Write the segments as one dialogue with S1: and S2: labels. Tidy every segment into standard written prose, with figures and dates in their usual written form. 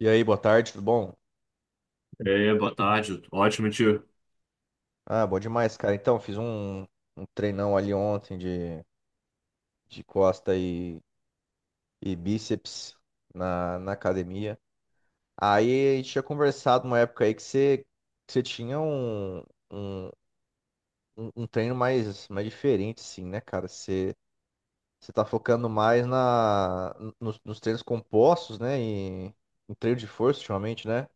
S1: E aí, boa tarde, tudo bom?
S2: É, boa tarde. Ótimo, tio.
S1: Ah, bom demais, cara. Então, fiz um treinão ali ontem de costa e bíceps na academia. Aí a gente tinha conversado uma época aí que você tinha um, um treino mais diferente, assim, né, cara? Você tá focando mais nos treinos compostos, né? E em treino de força ultimamente, né?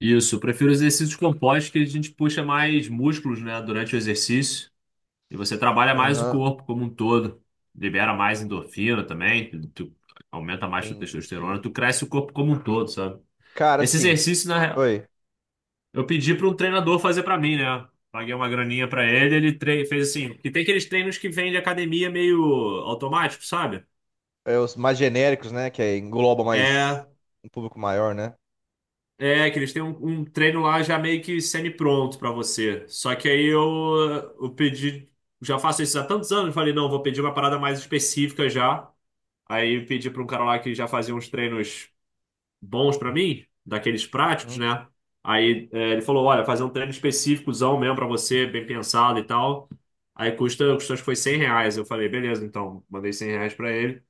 S2: Isso, eu prefiro exercícios compostos que a gente puxa mais músculos, né, durante o exercício. E você trabalha mais o
S1: Aham,
S2: corpo como um todo. Libera mais endorfina também. Aumenta mais tua testosterona.
S1: entendi.
S2: Tu cresce o corpo como um todo, sabe?
S1: Cara,
S2: Esse
S1: assim,
S2: exercício, na real,
S1: oi.
S2: eu pedi para um treinador fazer para mim, né? Paguei uma graninha para ele, fez assim. Que tem aqueles treinos que vêm de academia meio automático, sabe?
S1: É, os mais genéricos, né? Que aí engloba mais
S2: É.
S1: um público maior, né?
S2: É, que eles têm um treino lá já meio que semi-pronto pra você. Só que aí eu pedi, já faço isso há tantos anos, falei, não, vou pedir uma parada mais específica já. Aí eu pedi pra um cara lá que já fazia uns treinos bons pra mim, daqueles práticos,
S1: Uhum.
S2: né? Aí é, ele falou, olha, fazer um treino específicozão mesmo pra você, bem pensado e tal. Aí custou, acho que foi 100 reais. Eu falei, beleza, então, mandei 100 reais pra ele.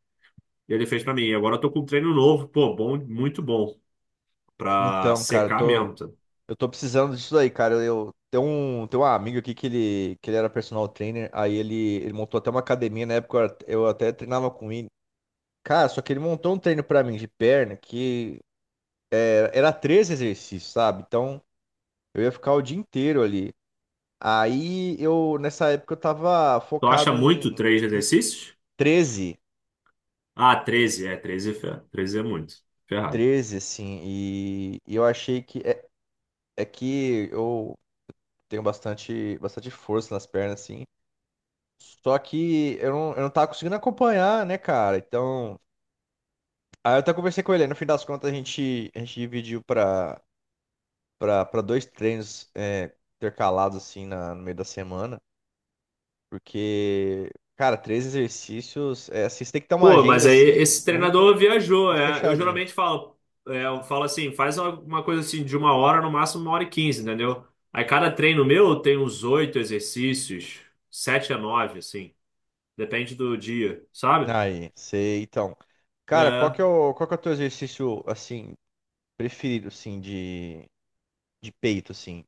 S2: E ele fez pra mim. E agora eu tô com um treino novo, pô, bom, muito bom, pra
S1: Então, cara, eu
S2: secar
S1: tô,
S2: mesmo. Tá.
S1: eu tô precisando disso aí, cara. Tem um, amigo aqui que ele era personal trainer, aí ele montou até uma academia. Na época, eu até treinava com ele. Cara, só que ele montou um treino pra mim de perna que era 13 exercícios, sabe? Então, eu ia ficar o dia inteiro ali. Aí eu, nessa época, eu tava
S2: Tu acha
S1: focado em
S2: muito três exercícios?
S1: 13
S2: Ah, 13 é muito. Ferrado.
S1: 13, assim, e eu achei que. É que eu tenho bastante, bastante força nas pernas, assim. Só que eu não, tava conseguindo acompanhar, né, cara? Então. Aí eu até conversei com ele. Aí no fim das contas, a gente dividiu pra dois treinos, intercalados, assim, no meio da semana. Porque, cara, três exercícios. É, assim, você tem que ter uma
S2: Pô,
S1: agenda,
S2: mas aí
S1: assim,
S2: esse
S1: muito,
S2: treinador viajou,
S1: muito
S2: é. Eu
S1: fechadinha.
S2: geralmente falo, é, eu falo assim, faz uma coisa assim de 1 hora, no máximo 1 hora e 15, entendeu? Aí cada treino meu tem uns oito exercícios, sete a nove, assim. Depende do dia, sabe?
S1: Aí, sei. Então. Cara, qual que
S2: É,
S1: é o, qual que é o teu exercício, assim, preferido, assim, de peito, assim?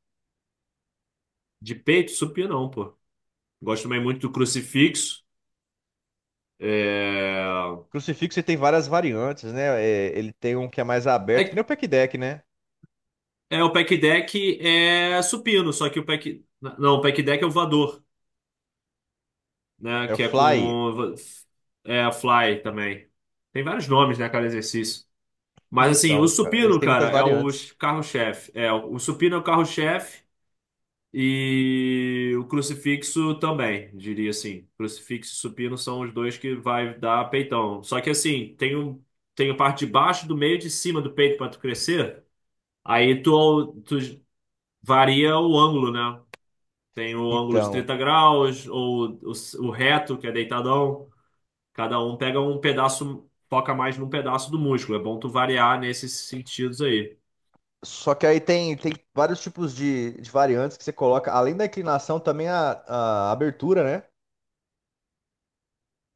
S2: de peito, supino não, pô. Gosto também muito do crucifixo. É,
S1: Crucifixo ele tem várias variantes, né? É, ele tem um que é mais aberto, que nem
S2: é,
S1: o pack deck, né?
S2: É, o pack deck é supino, só que o pack. Não, o pack deck é o voador, né?
S1: É o
S2: Que é
S1: Fly.
S2: com. É fly também. Tem vários nomes, né, cada exercício. Mas assim, o
S1: Então, cara, eles
S2: supino,
S1: têm muitas
S2: cara, é o
S1: variantes.
S2: carro-chefe. É, o supino é o carro-chefe e o crucifixo também, diria assim. Crucifixo e supino são os dois que vai dar peitão. Só que assim, tem a parte de baixo, do meio e de cima do peito para tu crescer. Aí tu varia o ângulo, né? Tem o ângulo de
S1: Então,
S2: 30 graus, ou o reto, que é deitadão. Cada um pega um pedaço, foca mais num pedaço do músculo. É bom tu variar nesses sentidos aí.
S1: só que aí tem, vários tipos de variantes que você coloca, além da inclinação, também a abertura, né?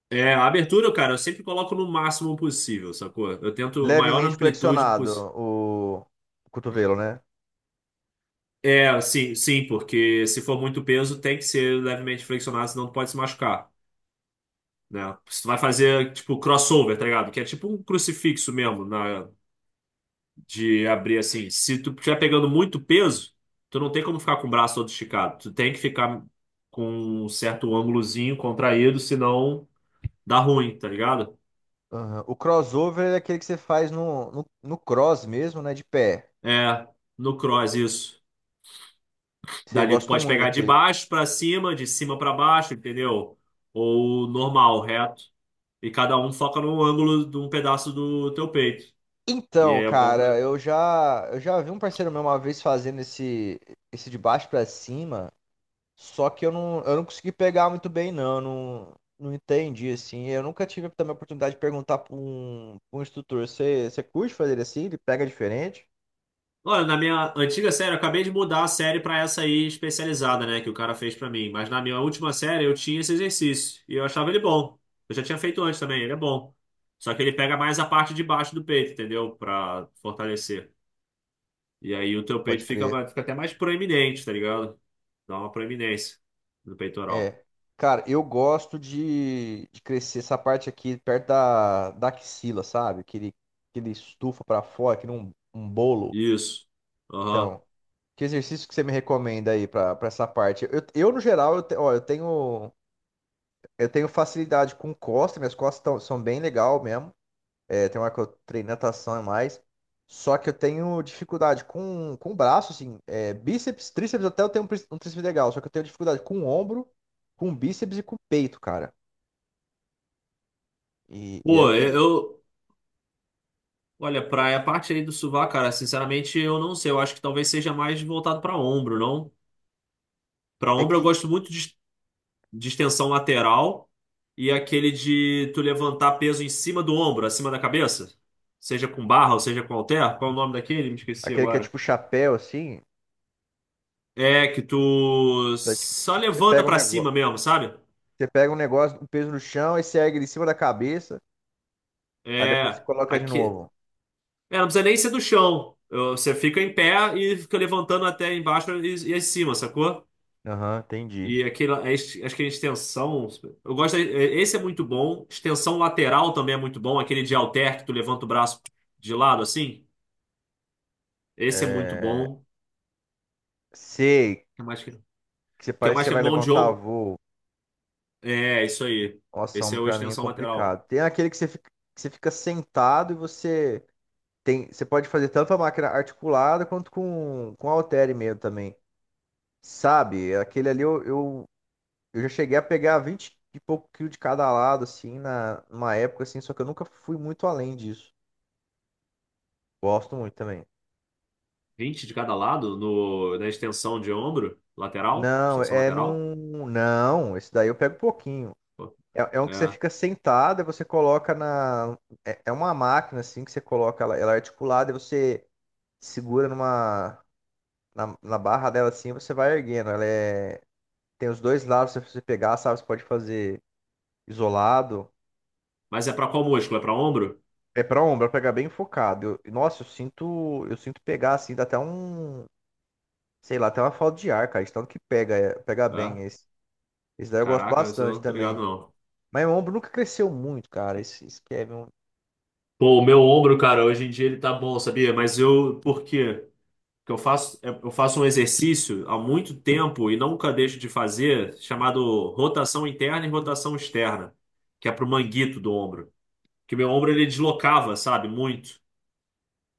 S2: É, a abertura, cara, eu sempre coloco no máximo possível, sacou? Eu tento a maior
S1: Levemente
S2: amplitude
S1: flexionado
S2: possível.
S1: o, o cotovelo, né?
S2: É, sim, sim, porque se for muito peso, tem que ser levemente flexionado, senão tu pode se machucar, né? Se tu vai fazer, tipo, crossover, tá ligado? Que é tipo um crucifixo mesmo, na, de abrir assim. Se tu estiver pegando muito peso, tu não tem como ficar com o braço todo esticado. Tu tem que ficar com um certo ângulozinho contraído, senão dá ruim, tá ligado?
S1: Aham. O crossover é aquele que você faz no, cross mesmo, né? De pé.
S2: É, no cross isso.
S1: Eu
S2: Dali tu
S1: gosto
S2: pode
S1: muito
S2: pegar de
S1: daquele.
S2: baixo pra cima, de cima pra baixo, entendeu? Ou normal, reto. E cada um foca num ângulo de um pedaço do teu peito. E
S1: Então,
S2: é bom pra.
S1: cara, eu já, vi um parceiro meu uma vez fazendo esse, de baixo pra cima, só que eu não consegui pegar muito bem, não, eu não, não entendi, assim. Eu nunca tive também a oportunidade de perguntar pra um, instrutor. Você curte fazer assim? Ele pega diferente?
S2: Olha, na minha antiga série, eu acabei de mudar a série pra essa aí especializada, né, que o cara fez pra mim. Mas na minha última série eu tinha esse exercício e eu achava ele bom. Eu já tinha feito antes também, ele é bom. Só que ele pega mais a parte de baixo do peito, entendeu? Pra fortalecer. E aí o teu
S1: Pode
S2: peito
S1: crer.
S2: fica até mais proeminente, tá ligado? Dá uma proeminência no peitoral.
S1: É. Cara, eu gosto de, crescer essa parte aqui perto da, axila, sabe? que ele estufa pra fora, que nem um bolo.
S2: Isso. Aham.
S1: Então. Que exercício que você me recomenda aí pra essa parte? Eu, no geral, ó, eu tenho facilidade com costas. Minhas costas são bem legal mesmo. É, tem uma que eu treino natação e mais. Só que eu tenho dificuldade com o braço, assim, bíceps, tríceps. Até eu tenho um tríceps legal, só que eu tenho dificuldade com o ombro, com o bíceps e com o peito, cara. E aí eu
S2: Pô, eu.
S1: queria.
S2: eu- Olha, pra a parte aí do sovaco, cara, sinceramente eu não sei. Eu acho que talvez seja mais voltado pra ombro, não? Pra
S1: É
S2: ombro eu
S1: que
S2: gosto muito de extensão lateral e aquele de tu levantar peso em cima do ombro, acima da cabeça, seja com barra ou seja com halter. Qual é o nome daquele? Me esqueci
S1: aquele que é
S2: agora.
S1: tipo chapéu, assim,
S2: É que tu
S1: você, tipo,
S2: só
S1: tipo, você
S2: levanta
S1: pega um
S2: pra
S1: negócio,
S2: cima mesmo, sabe?
S1: um peso no chão, aí você ergue ele em cima da cabeça, aí depois você
S2: É,
S1: coloca de
S2: aqui.
S1: novo.
S2: É, não precisa nem ser do chão. Você fica em pé e fica levantando até embaixo e acima, sacou?
S1: Aham, entendi.
S2: E aquele, acho que a extensão. Esse é muito bom. Extensão lateral também é muito bom. Aquele de halter que tu levanta o braço de lado assim. Esse é muito bom. O
S1: Sei
S2: que mais que, o
S1: que você
S2: que
S1: parece que
S2: mais
S1: você
S2: que é
S1: vai
S2: mão de
S1: levantar
S2: ombro?
S1: voo.
S2: É, isso aí.
S1: Nossa,
S2: Esse é
S1: ombro
S2: o
S1: pra mim é
S2: extensão lateral.
S1: complicado. Tem aquele que você fica sentado e você pode fazer tanto a máquina articulada quanto com halter mesmo também. Sabe? Aquele ali eu já cheguei a pegar 20 e pouco quilos de cada lado assim, na numa época assim, só que eu nunca fui muito além disso. Gosto muito também.
S2: 20 de cada lado no, na extensão de ombro lateral?
S1: Não,
S2: Extensão lateral?
S1: não, esse daí eu pego pouquinho.
S2: Pô,
S1: É um que você
S2: É.
S1: fica sentado e você coloca na. É uma máquina assim que você coloca ela, ela é articulada e você segura numa. Na barra dela assim, e você vai erguendo. Ela é. Tem os dois lados, se você pegar, sabe? Você pode fazer isolado.
S2: Mas é pra qual músculo? É pra ombro?
S1: É pra ombro, é pra pegar bem focado. Nossa, eu sinto. Eu sinto pegar assim, dá até um. Sei lá, até uma falta de ar, cara. De tanto que pega, pega bem
S2: É.
S1: esse. Esse daí eu gosto
S2: Caraca, isso eu
S1: bastante
S2: não tô ligado,
S1: também.
S2: não.
S1: Mas meu ombro nunca cresceu muito, cara. Esse que é meu.
S2: Pô, o meu ombro, cara, hoje em dia ele tá bom, sabia? Mas eu, por quê? Porque eu faço, é- eu faço um exercício há muito tempo e nunca deixo de fazer, chamado rotação interna e rotação externa, que é pro manguito do ombro. Que meu ombro ele deslocava, sabe? Muito.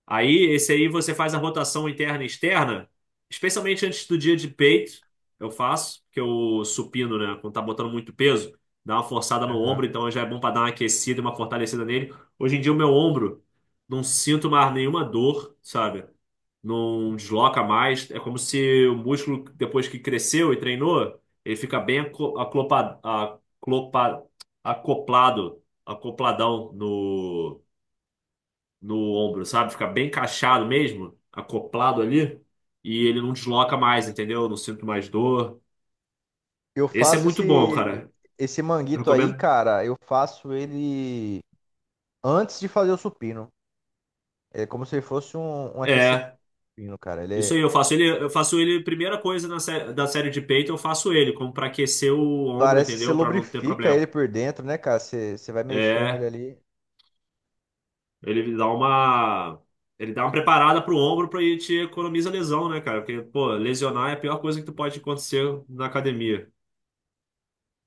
S2: Aí, esse aí você faz a rotação interna e externa, especialmente antes do dia de peito, eu faço, porque eu supino, né? Quando tá botando muito peso, dá uma forçada no ombro, então já é bom para dar uma aquecida, e uma fortalecida nele. Hoje em dia, o meu ombro, não sinto mais nenhuma dor, sabe? Não desloca mais. É como se o músculo, depois que cresceu e treinou, ele fica bem aclopa- acopladão no no ombro, sabe? Fica bem encaixado mesmo, acoplado ali, e ele não desloca mais, entendeu? Não sinto mais dor.
S1: Eu
S2: Esse é
S1: faço
S2: muito bom,
S1: esse,
S2: cara.
S1: esse
S2: Eu
S1: manguito aí,
S2: recomendo.
S1: cara. Eu faço ele antes de fazer o supino. É como se ele fosse um aquecimento,
S2: É,
S1: supino, cara.
S2: isso aí, eu faço ele, primeira coisa da série de peito, eu faço ele, como pra aquecer o ombro,
S1: Parece que você
S2: entendeu? Pra não ter
S1: lubrifica
S2: problema.
S1: ele por dentro, né, cara? Você vai mexendo ele
S2: É,
S1: ali.
S2: ele dá uma. Ele dá uma preparada pro ombro pra ele te economiza lesão, né, cara? Porque, pô, lesionar é a pior coisa que tu pode acontecer na academia.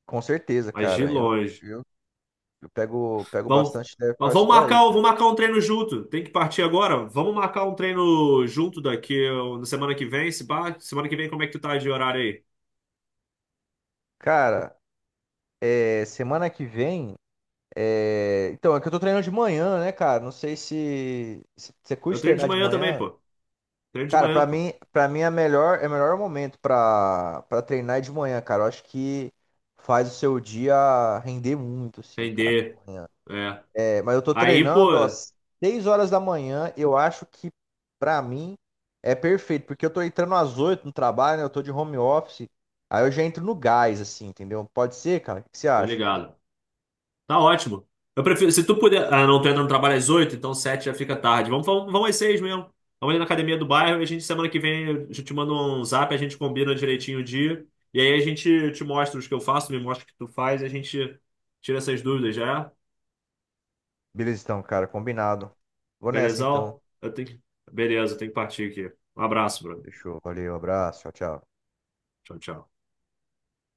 S1: Com certeza,
S2: Mas de
S1: cara.
S2: longe.
S1: Eu, eu pego
S2: Vamos,
S1: bastante leve por causa disso daí, cara.
S2: vamos marcar um treino junto. Tem que partir agora. Vamos marcar um treino junto daqui ó, na semana que vem. Se pá, semana que vem, como é que tu tá de horário aí?
S1: Cara, semana que vem. Então, é que eu tô treinando de manhã, né, cara? Não sei se, você
S2: Eu
S1: curte
S2: treino de
S1: treinar de
S2: manhã também,
S1: manhã.
S2: pô. Treino de
S1: Cara,
S2: manhã,
S1: pra
S2: pô.
S1: mim, para mim É o melhor momento pra para treinar é de manhã, cara. Eu acho que faz o seu dia render muito, assim, cara,
S2: Render.
S1: de manhã.
S2: É.
S1: É, mas eu tô
S2: Aí, pô,
S1: treinando às 6 horas da manhã. Eu acho que pra mim é perfeito, porque eu tô entrando às 8h no trabalho, né? Eu tô de home office. Aí eu já entro no gás, assim, entendeu? Pode ser, cara? O que você
S2: tô
S1: acha?
S2: ligado. Tá ótimo. Eu prefiro. Se tu puder. Ah, não, tu entra no trabalho às 8, então 7 já fica tarde. Vamos às 6 mesmo. Vamos ali na academia do bairro e a gente, semana que vem, eu te mando um zap, a gente combina direitinho o dia. E aí a gente te mostra os que eu faço, me mostra o que tu faz e a gente tira essas dúvidas, já é?
S1: Beleza, então, cara, combinado. Vou nessa, então.
S2: Belezão? Eu tenho que... Beleza, eu tenho que partir aqui. Um abraço, Bruno.
S1: Fechou. Valeu, abraço. Tchau, tchau.
S2: Tchau, tchau.